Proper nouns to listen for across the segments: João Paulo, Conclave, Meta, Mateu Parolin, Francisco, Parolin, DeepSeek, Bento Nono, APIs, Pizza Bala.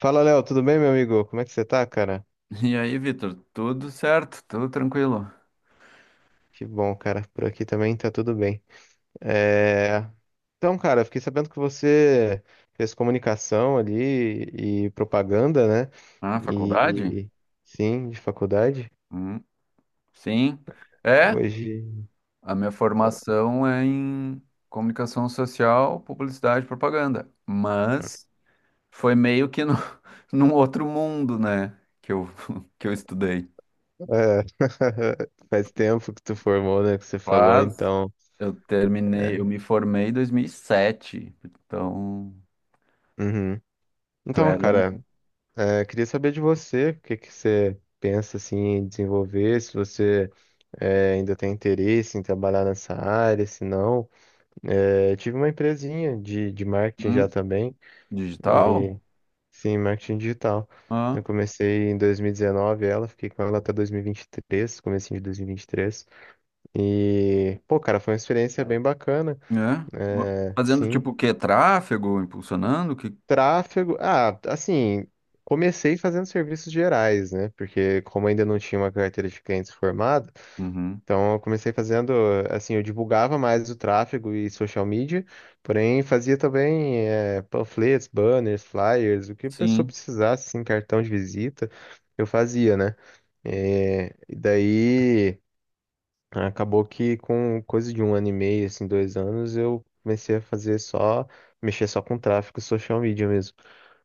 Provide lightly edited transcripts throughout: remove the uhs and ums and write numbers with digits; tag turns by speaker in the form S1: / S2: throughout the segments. S1: Fala, Léo, tudo bem, meu amigo? Como é que você tá, cara?
S2: E aí, Vitor, tudo certo? Tudo tranquilo?
S1: Que bom, cara. Por aqui também tá tudo bem. É, Então, cara, eu fiquei sabendo que você fez comunicação ali e propaganda, né?
S2: Ah, faculdade?
S1: E sim, de faculdade.
S2: Hum, sim. É,
S1: Hoje
S2: a minha formação é em comunicação social, publicidade e propaganda. Mas foi meio que no, num outro mundo, né? Que eu, que eu estudei.
S1: é, Faz tempo que tu formou, né? Que você falou,
S2: Mas
S1: então.
S2: eu terminei,
S1: é,
S2: eu me formei em 2007. Então,
S1: Uhum.
S2: tu
S1: Então,
S2: era um
S1: cara. Queria saber de você, o que que você pensa assim, em desenvolver, se você ainda tem interesse em trabalhar nessa área, se não. É, eu tive uma empresinha de marketing já
S2: hum,
S1: também. e
S2: digital?
S1: sim, marketing digital. Eu
S2: Ah,
S1: comecei em 2019 ela, fiquei com ela até 2023, comecinho de 2023. E, vinte e três. E, pô, cara, foi uma experiência bem bacana.
S2: é.
S1: É,
S2: Fazendo
S1: sim,
S2: tipo o quê? Tráfego, impulsionando? Que...
S1: tráfego. Ah, assim, comecei fazendo serviços gerais, né? Porque como ainda não tinha uma carteira de clientes formada,
S2: Uhum.
S1: então eu comecei fazendo, assim, eu divulgava mais o tráfego e social media, porém fazia também panfletos, banners, flyers, o que a pessoa
S2: Sim,
S1: precisasse, assim, cartão de visita, eu fazia, né? E daí acabou que com coisa de um ano e meio, assim, 2 anos, eu comecei a fazer só, mexer só com tráfego e social media mesmo.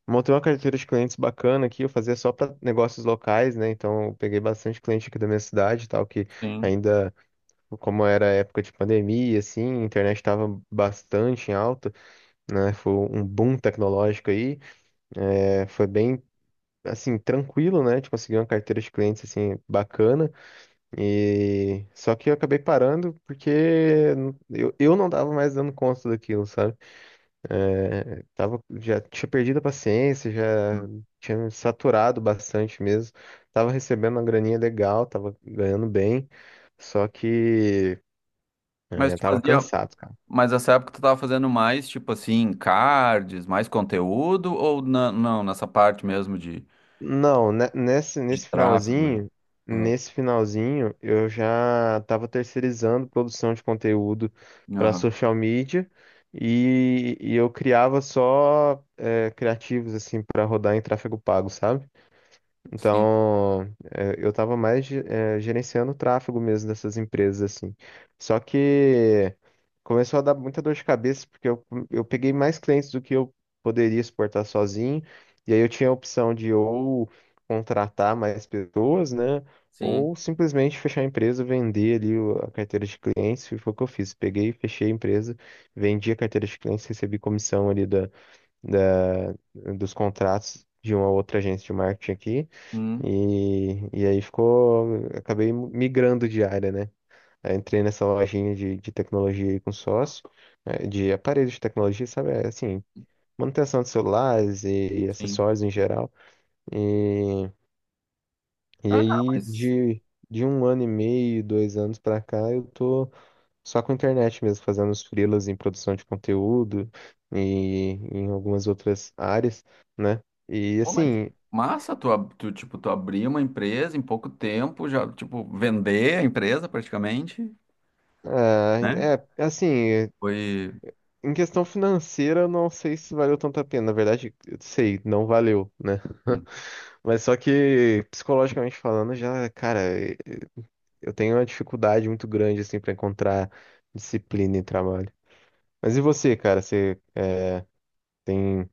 S1: Montei uma carteira de clientes bacana aqui, eu fazia só para negócios locais, né? Então eu peguei bastante cliente aqui da minha cidade, e tal, que
S2: sim.
S1: ainda, como era época de pandemia, assim, a internet estava bastante em alta, né? Foi um boom tecnológico aí, foi bem, assim, tranquilo, né? De conseguir uma carteira de clientes, assim, bacana, e só que eu acabei parando porque eu não tava mais dando conta daquilo, sabe? É, tava, já tinha perdido a paciência, já tinha me saturado bastante mesmo. Tava recebendo uma graninha legal, tava ganhando bem, só que
S2: Mas tu
S1: tava
S2: fazia,
S1: cansado, cara.
S2: mas nessa época tu tava fazendo mais, tipo assim, cards, mais conteúdo, ou não, nessa parte mesmo de,
S1: Não,
S2: de tráfego? Ah,
S1: nesse finalzinho, eu já estava terceirizando produção de conteúdo para
S2: aham.
S1: social media e eu criava só criativos assim para rodar em tráfego pago, sabe?
S2: Sim,
S1: Então, eu estava mais gerenciando o tráfego mesmo dessas empresas, assim. Só que começou a dar muita dor de cabeça, porque eu peguei mais clientes do que eu poderia suportar sozinho. E aí eu tinha a opção de ou contratar mais pessoas, né?
S2: sim,
S1: Ou simplesmente fechar a empresa, vender ali a carteira de clientes. E foi o que eu fiz. Peguei, fechei a empresa, vendi a carteira de clientes, recebi comissão ali da, dos contratos de uma outra agência de marketing aqui.
S2: hum,
S1: E aí ficou, acabei migrando de área, né? Aí entrei nessa lojinha de tecnologia aí com sócio, de aparelhos de tecnologia, sabe? É, assim, manutenção de celulares e
S2: sim.
S1: acessórios em geral. E, e
S2: Ah, cara,
S1: aí de um ano e meio, 2 anos pra cá, eu tô só com a internet mesmo, fazendo os freelas em produção de conteúdo e em algumas outras áreas, né? E
S2: pô, mas
S1: assim,
S2: massa, tu, tipo, tu abrir uma empresa em pouco tempo, já, tipo, vender a empresa praticamente,
S1: ah,
S2: né?
S1: é assim,
S2: Foi.
S1: em questão financeira, eu não sei se valeu tanto a pena. Na verdade, eu sei, não valeu, né? Mas só que psicologicamente falando, já, cara, eu tenho uma dificuldade muito grande assim para encontrar disciplina em trabalho. Mas e você, cara? Você tem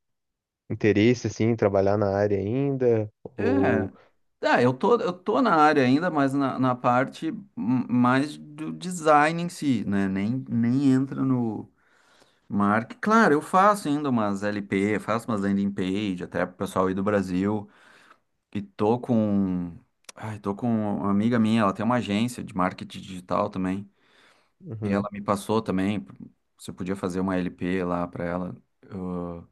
S1: interesse assim em trabalhar na área ainda?
S2: É,
S1: Ou
S2: tá, eu tô na área ainda, mas na parte mais do design em si, né? Nem entra no marketing. Claro, eu faço ainda umas LP, faço umas landing page, até pro pessoal aí do Brasil. E tô com. Ai, tô com uma amiga minha, ela tem uma agência de marketing digital também. E
S1: Uhum.
S2: ela me passou também se eu podia fazer uma LP lá pra ela. Eu,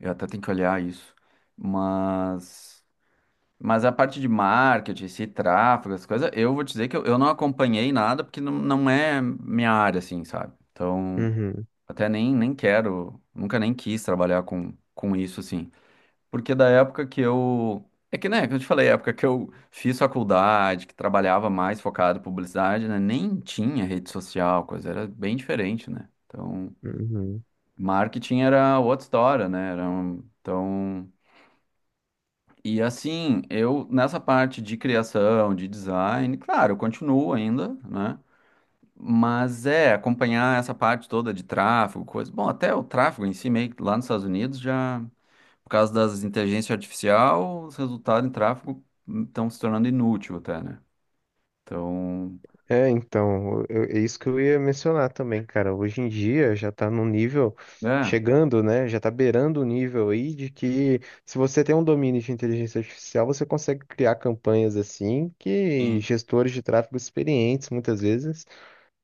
S2: eu até tenho que olhar isso. Mas. Mas a parte de marketing, esse tráfego, essas coisas, eu vou te dizer que eu não acompanhei nada, porque não, não é minha área, assim, sabe? Então,
S1: Uhum.
S2: até nem quero, nunca nem quis trabalhar com isso, assim. Porque da época que eu. É que, né, que eu te falei, a época que eu fiz faculdade, que trabalhava mais focado em publicidade, né? Nem tinha rede social, coisa, era bem diferente, né? Então,
S1: Uhum.
S2: marketing era outra história, né? Era um, então. E assim, eu nessa parte de criação, de design, claro, eu continuo ainda, né? Mas é acompanhar essa parte toda de tráfego, coisa. Bom, até o tráfego em si, meio que lá nos Estados Unidos, já por causa das inteligência artificial, os resultados em tráfego estão se tornando inútil até, né? Então,
S1: É, então, é isso que eu ia mencionar também, cara. Hoje em dia já tá num nível
S2: é,
S1: chegando, né? Já tá beirando o nível aí de que se você tem um domínio de inteligência artificial, você consegue criar campanhas assim que gestores de tráfego experientes muitas vezes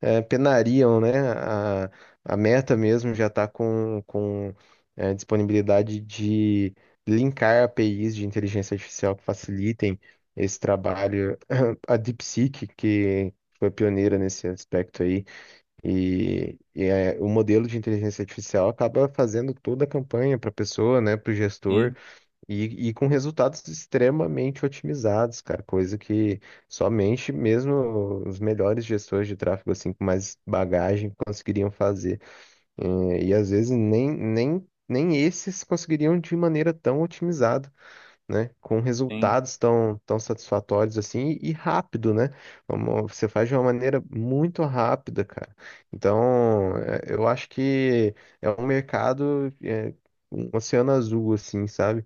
S1: penariam, né? A Meta mesmo já está com disponibilidade de linkar APIs de inteligência artificial que facilitem esse trabalho. A DeepSeek, que foi pioneira nesse aspecto aí, o modelo de inteligência artificial acaba fazendo toda a campanha para a pessoa, né, para o
S2: sim,
S1: gestor. E com resultados extremamente otimizados, cara, coisa que somente mesmo os melhores gestores de tráfego, assim, com mais bagagem, conseguiriam fazer. E, às vezes nem esses conseguiriam de maneira tão otimizada, né? Com
S2: sim,
S1: resultados tão satisfatórios assim e rápido, né? Você faz de uma maneira muito rápida, cara. Então, eu acho que é um mercado, um oceano azul, assim, sabe?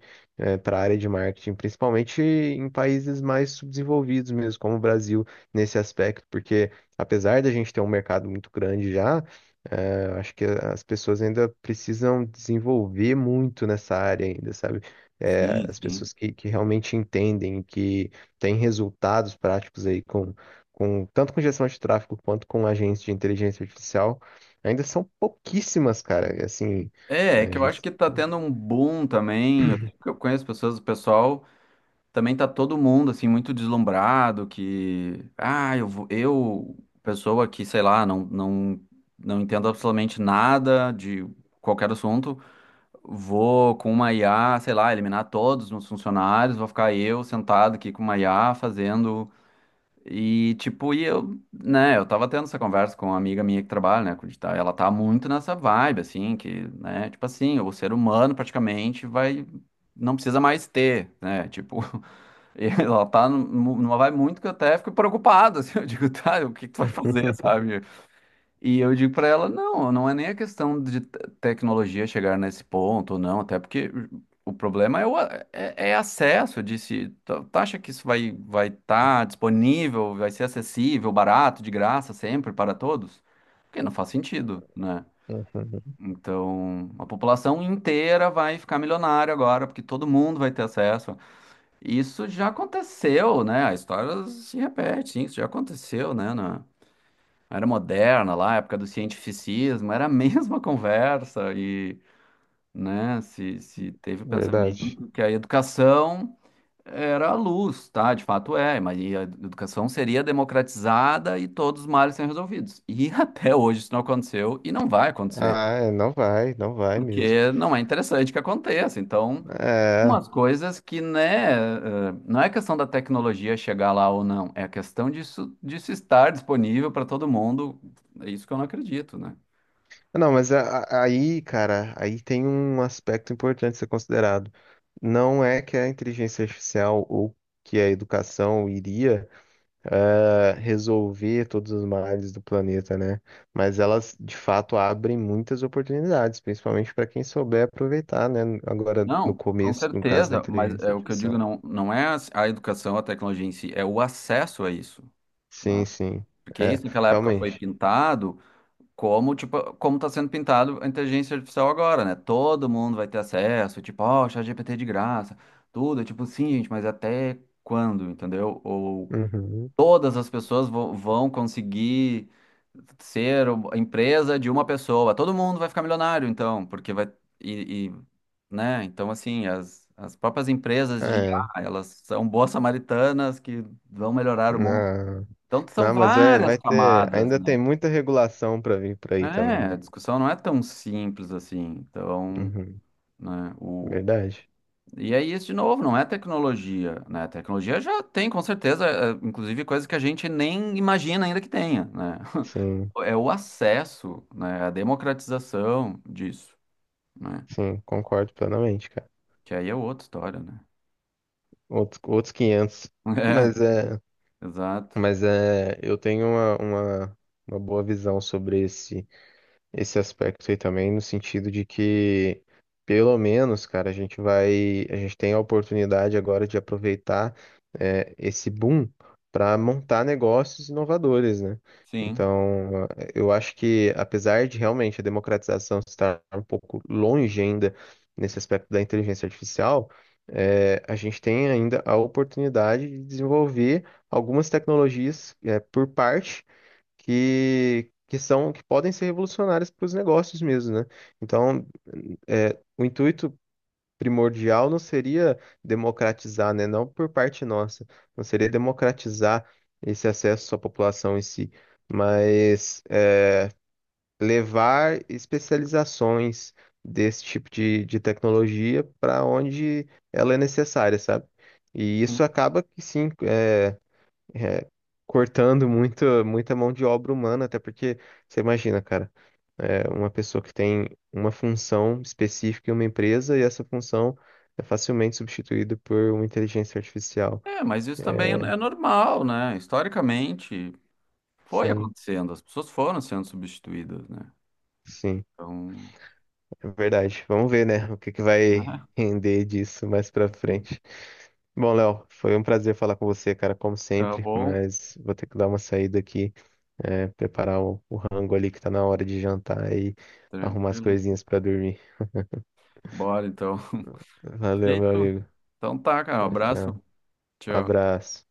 S1: Para a área de marketing, principalmente em países mais subdesenvolvidos mesmo, como o Brasil, nesse aspecto, porque apesar da gente ter um mercado muito grande já, acho que as pessoas ainda precisam desenvolver muito nessa área ainda, sabe?
S2: sim,
S1: As
S2: sim.
S1: pessoas que realmente entendem, que têm resultados práticos aí com tanto com gestão de tráfego quanto com agentes de inteligência artificial, ainda são pouquíssimas, cara. Assim,
S2: É, é
S1: a
S2: que eu acho
S1: gente-
S2: que tá tendo um boom também. Eu conheço pessoas, o pessoal também tá todo mundo assim muito deslumbrado que ah, eu pessoa que, sei lá, não entendo absolutamente nada de qualquer assunto, vou com uma IA, sei lá, eliminar todos os meus funcionários, vou ficar eu sentado aqui com uma IA fazendo e tipo, e eu, né, eu tava tendo essa conversa com uma amiga minha que trabalha, né, com digital, e ela tá muito nessa vibe assim, que, né, tipo assim, o ser humano praticamente vai não precisa mais ter, né? Tipo, E ela tá numa vai muito que eu até fico preocupado, assim, eu digo, tá, o que que tu vai fazer, sabe? E eu digo pra ela, não, não é nem a questão de tecnologia chegar nesse ponto, não, até porque o problema é, é acesso, eu disse, tu acha que isso vai estar disponível, vai ser acessível, barato, de graça, sempre, para todos? Porque não faz sentido, né?
S1: Uhum,
S2: Então, a população inteira vai ficar milionária agora, porque todo mundo vai ter acesso, isso já aconteceu, né? A história se repete, sim, isso já aconteceu, né? Na era moderna, lá, época do cientificismo, era a mesma conversa e, né, se teve o
S1: verdade.
S2: pensamento que a educação era a luz, tá? De fato é, mas e a educação seria democratizada e todos os males seriam resolvidos. E até hoje isso não aconteceu e não vai acontecer,
S1: Ah, é, não vai, não vai mesmo.
S2: porque não é interessante que aconteça. Então,
S1: É.
S2: umas coisas que, né, eh, não é questão da tecnologia chegar lá ou não, é a questão disso, estar disponível para todo mundo. É isso que eu não acredito, né?
S1: Não, mas aí, cara, aí tem um aspecto importante a ser considerado. Não é que a inteligência artificial ou que a educação iria resolver todos os males do planeta, né? Mas elas, de fato, abrem muitas oportunidades, principalmente para quem souber aproveitar, né? Agora, no
S2: Não, com
S1: começo, no caso da
S2: certeza, mas
S1: inteligência
S2: é o que eu digo
S1: artificial.
S2: não, não é a educação, a tecnologia em si, é o acesso a isso,
S1: Sim,
S2: né?
S1: sim.
S2: Porque
S1: É,
S2: isso naquela época foi
S1: realmente.
S2: pintado como, tipo, como está sendo pintado a inteligência artificial agora, né? Todo mundo vai ter acesso, tipo, ó, oh, GPT de graça, tudo, é tipo, sim, gente, mas até quando, entendeu?
S1: Uhum.
S2: Todas as pessoas vão conseguir ser a empresa de uma pessoa. Todo mundo vai ficar milionário, então, porque vai. E, né? Então, assim, as próprias empresas de I
S1: É.
S2: a elas são boas samaritanas que vão melhorar o mundo.
S1: Não,
S2: Então, são
S1: não, mas vai,
S2: várias
S1: vai ter.
S2: camadas,
S1: Ainda
S2: né?
S1: tem muita regulação para vir por
S2: É,
S1: aí também,
S2: a
S1: né?
S2: discussão não é tão simples assim. Então,
S1: Uhum.
S2: né? O...
S1: Verdade.
S2: E é isso de novo, não é tecnologia, né? A tecnologia já tem, com certeza, eh, inclusive coisas que a gente nem imagina ainda que tenha, né?
S1: Sim,
S2: É o acesso, né, a democratização disso, né?
S1: sim, concordo plenamente, cara.
S2: Que aí é outra história, né?
S1: Outros 500. Mas é.
S2: É, exato.
S1: Mas é, eu tenho uma boa visão sobre esse aspecto aí também, no sentido de que, pelo menos, cara, a gente tem a oportunidade agora de aproveitar esse boom para montar negócios inovadores, né?
S2: Sim.
S1: Então, eu acho que, apesar de realmente a democratização estar um pouco longe ainda nesse aspecto da inteligência artificial, a gente tem ainda a oportunidade de desenvolver algumas tecnologias por parte que são que podem ser revolucionárias para os negócios mesmo, né? Então, o intuito primordial não seria democratizar, né? Não por parte nossa, não seria democratizar esse acesso à população em si, mas levar especializações desse tipo de tecnologia para onde ela é necessária, sabe? E isso
S2: Sim.
S1: acaba que sim, é, cortando muito, muita mão de obra humana, até porque você imagina, cara, uma pessoa que tem uma função específica em uma empresa e essa função é facilmente substituída por uma inteligência artificial.
S2: É, mas isso também é normal, né? Historicamente foi
S1: Sim,
S2: acontecendo, as pessoas foram sendo substituídas, né?
S1: sim,
S2: Então,
S1: é verdade. Vamos ver, né, o que que vai
S2: né?
S1: render disso mais pra
S2: Sim.
S1: frente. Bom, Léo, foi um prazer falar com você, cara, como
S2: Tá
S1: sempre,
S2: bom,
S1: mas vou ter que dar uma saída aqui. Preparar o rango ali que tá na hora de jantar e arrumar as
S2: tranquilo.
S1: coisinhas pra dormir.
S2: Bora então.
S1: Valeu, meu
S2: Feito?
S1: amigo.
S2: Então tá, cara, um
S1: Tchau,
S2: abraço.
S1: tchau.
S2: Tchau.
S1: Abraço.